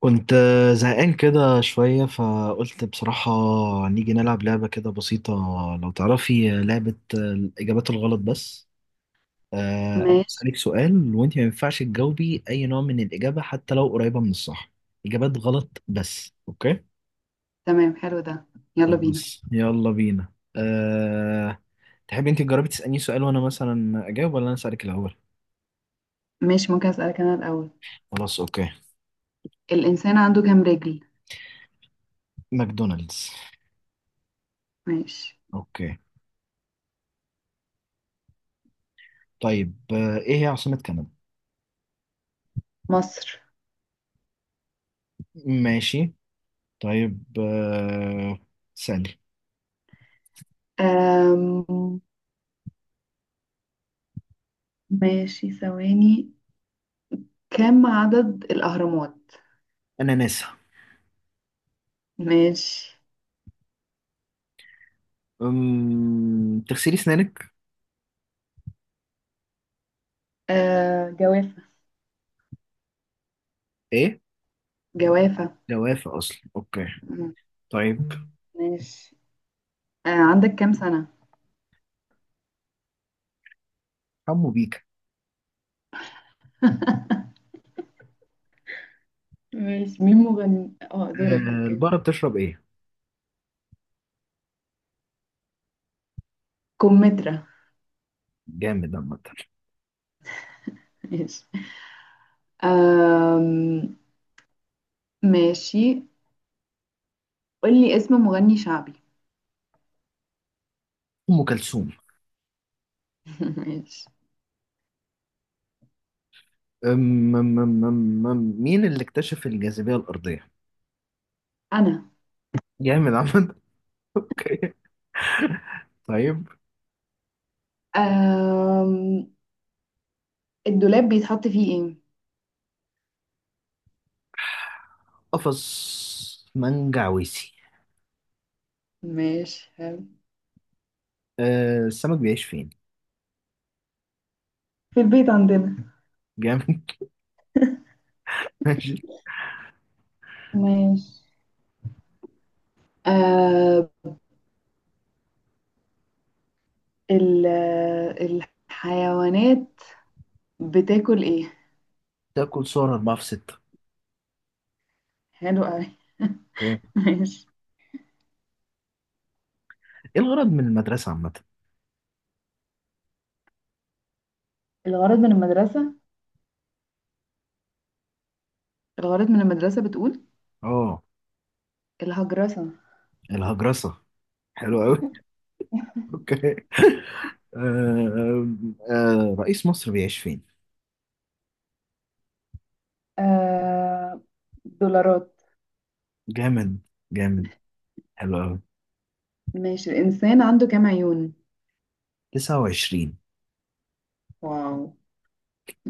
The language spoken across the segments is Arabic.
كنت زهقان كده شوية، فقلت بصراحة نيجي نلعب لعبة كده بسيطة. لو تعرفي لعبة الإجابات الغلط بس. أنا ماشي. هسألك سؤال وأنت ما ينفعش تجاوبي أي نوع من الإجابة حتى لو قريبة من الصح. إجابات غلط بس، أوكي. تمام، حلو ده. يلا بينا. خلاص يلا بينا. تحبي أنت تجربي تسألني سؤال وأنا مثلا أجاوب، ولا أنا أسألك الأول؟ ماشي، ممكن أسألك أنا الأول. خلاص أوكي. الإنسان عنده كام رجل؟ ماكدونالدز. ماشي. أوكي. طيب إيه هي عاصمة كندا؟ مصر. ماشي. طيب ثانية. أم... ماشي، ثواني. كم عدد الأهرامات؟ أنا ناسا. ماشي. تغسلي سنانك. جوافة. إيه؟ جوافة. جوافة أصلا أوكي. مم. طيب. ماشي. عندك كام سنة؟ حمو بيكا. ماشي. مين مغني دورك؟ اوكي. البقرة بتشرب إيه؟ كمثرى. جامد عامة. ماشي. أم... ماشي. قولي اسم مغني شعبي. أم كلثوم. ماشي. مين اللي اكتشف الجاذبية الأرضية؟ أنا. جامد عامة أوكي طيب. آم... الدولاب بيتحط فيه ايه؟ قفص منجعويسي. ماشي، حلو. السمك بيعيش فين؟ في البيت عندنا. جامد ماشي. ماشي. آه... ال... الحيوانات بتاكل ايه؟ تاكل صور أربعة في ستة. حلو قوي. أوكي. ماشي. إيه الغرض من المدرسة عامة؟ الغرض من المدرسة، الغرض من المدرسة بتقول، آه. الهجرسة. الهجرسة. حلو قوي اوكي. آه رئيس مصر بيعيش فين؟ آه... دولارات. جامد. جامد. حلو قوي. ماشي. الإنسان عنده كام عيون؟ 29. واو.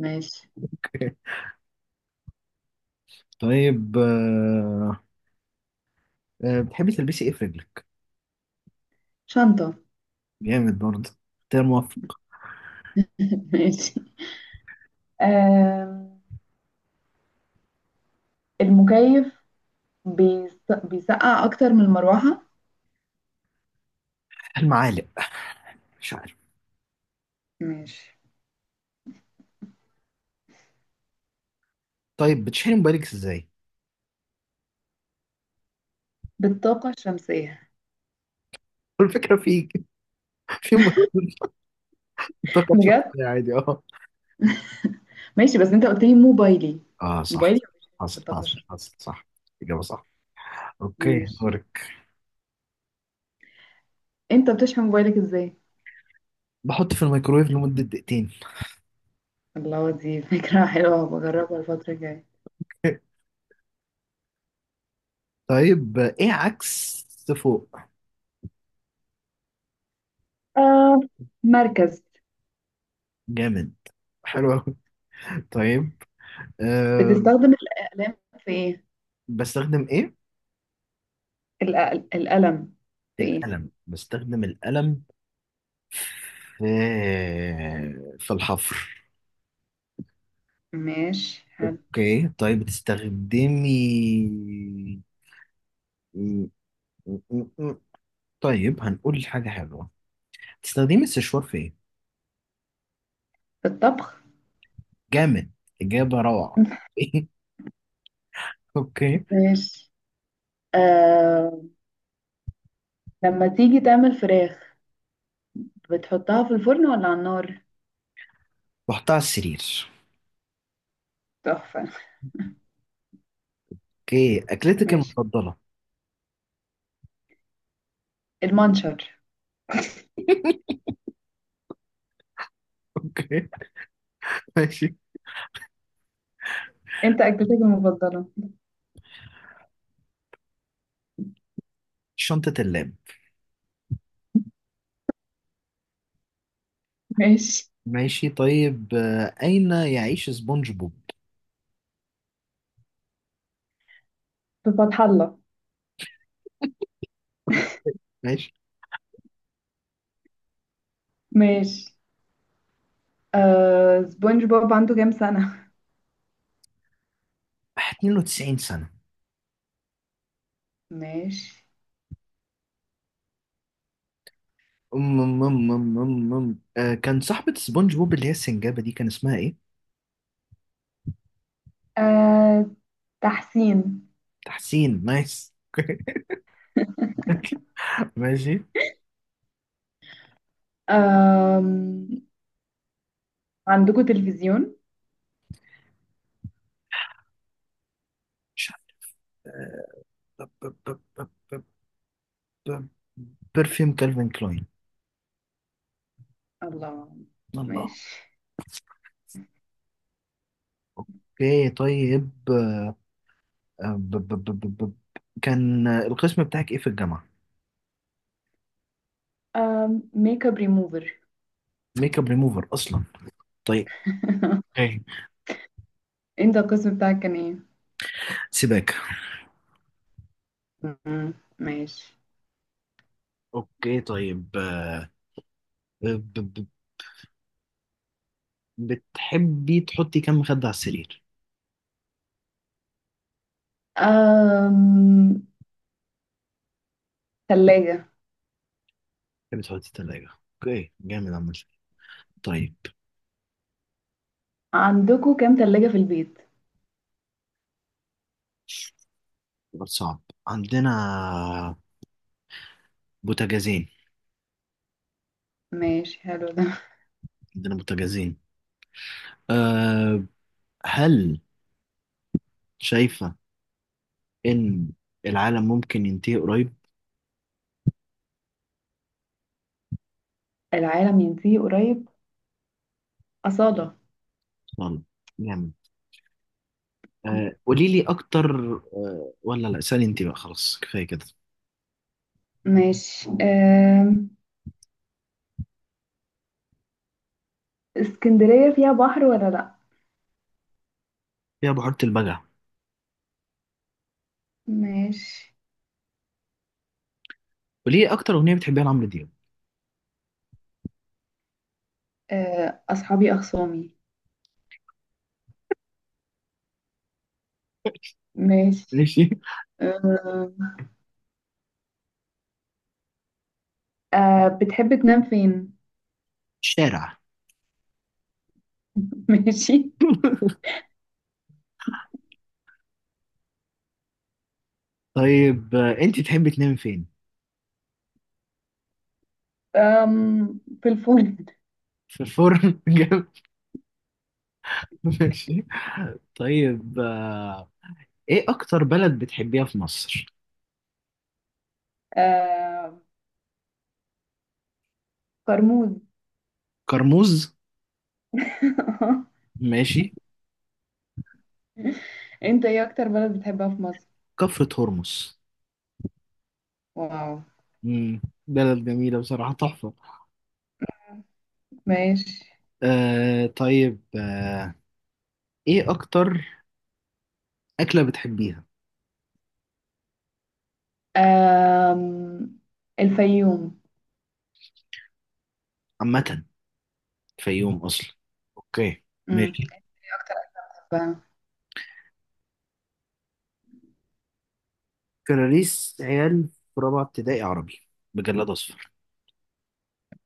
ماشي. طيب بتحبي تلبسي ايه في رجلك؟ شنطة. جامد برضه. اختيار موفق. ماشي. آه... المكيف بيسقع أكتر من المروحة. المعالق. مش عارف. ماشي. طيب بتشحني موبايلك ازاي؟ بالطاقة الشمسية. الفكرة في موبايل. طاقة بجد. شخصية عادي اه. ماشي، بس انت قلت لي موبايلي. اه صح. موبايلي مش حصل بالطاقة حصل الشمسية. حصل صح. إجابة صح. اوكي ماشي، دورك. انت بتشحن موبايلك ازاي؟ بحط في الميكرويف لمدة دقيقتين الله، دي فكرة حلوة بجربها الفترة الجاية. طيب ايه عكس فوق؟ آه مركز. جامد. حلو أوي طيب. أه بتستخدم الأقلام في ايه؟ بستخدم إيه؟ القلم في ايه؟ القلم، بستخدم القلم في الحفر. ماشي، حلو. أوكي طيب بتستخدمي م- م- م- طيب هنقول حاجة حلوة. بتستخدمي السشوار في إيه؟ بالطبخ. جامد. إجابة روعة أوكي. ماشي. آه لما تيجي تعمل فراخ بتحطها في الفرن ولا على النار؟ بحطها على السرير. تحفة. أوكي أكلتك ماشي. المفضلة. المنشر. أوكي ماشي. انت اكلتك المفضله؟ شنطة اللاب. ماشي. ماشي طيب أين يعيش سبونج بوب؟ في فتح الله. ماشي. ماشي. سبونج بوب عنده كام سنة؟ 92 سنة. ماشي. أم أم أم أم أم أم. كان صاحبة سبونج بوب اللي هي السنجابة دي كان اسمها إيه؟ آه تحسين. تحسين نايس ماشي. آم... عندكم تلفزيون؟ مش عارف. برفيوم كالفين كلاين. الله. الله. ماشي. اوكي طيب، آه، ب- ب- ب- ب- ب- كان القسم بتاعك ايه في الجامعة؟ ميك اب ريموفر. ميك اب ريموفر اصلا. طيب. اوكي. انت القسم بتاعك كان ايه؟ سيبك. مم. ماشي. اوكي طيب ب- ب- بتحبي تحطي كام مخدة على السرير؟ آم... تلاجة. تحب تحط التلاجة. اوكي جامد عامة. طيب. عندكم كام تلاجة في البيت؟ سؤال صعب عندنا. بوتاجازين. ماشي، حلو ده. عندنا بوتاجازين. أه هل شايفة إن العالم ممكن ينتهي قريب؟ العالم ينتهي قريب، أصالة. والله. جامد. قولي لي أكتر، ولا لا، اسألي أنت بقى، خلاص كفاية كده. ماشي. اسكندرية فيها بحر ولا لأ؟ يا بحيرة البجع. ماشي. قولي لي أكتر أغنية بتحبيها لعمرو دياب. أصحابي أخصامي. ماشي. ماشي. أه أه بتحب تنام فين؟ شارع. ماشي. طيب انت تحبي تنامي فين؟ أم في الفول. في الفرن ماشي. طيب ايه اكتر بلد بتحبيها في مصر؟ أه كرموز. كرموز. ماشي. أنت إيه أكتر بلد بتحبها في مصر؟ كفر هرمس. واو. امم بلد جميلة بصراحة، تحفة. ماشي. طيب ايه اكتر اكلة بتحبيها؟ أم الفيوم. عامة. فيوم اصلا. اوكي. مم. ماشي. إيه أكتر بحبها؟ كراريس عيال في رابعة ابتدائي عربي بجلاد اصفر.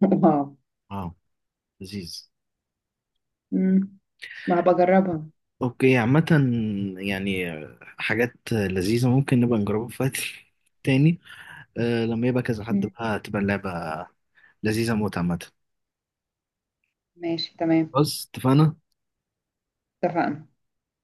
واو. اه لذيذ. مم. ما بجربها. اوكي عامة، يعني حاجات لذيذة ممكن نبقى نجربها في وقت تاني. لما يبقى كذا حد مم. بقى تبقى اللعبة لذيذة موت عامة. ماشي، تمام. بص، اتفقنا. اتفقنا.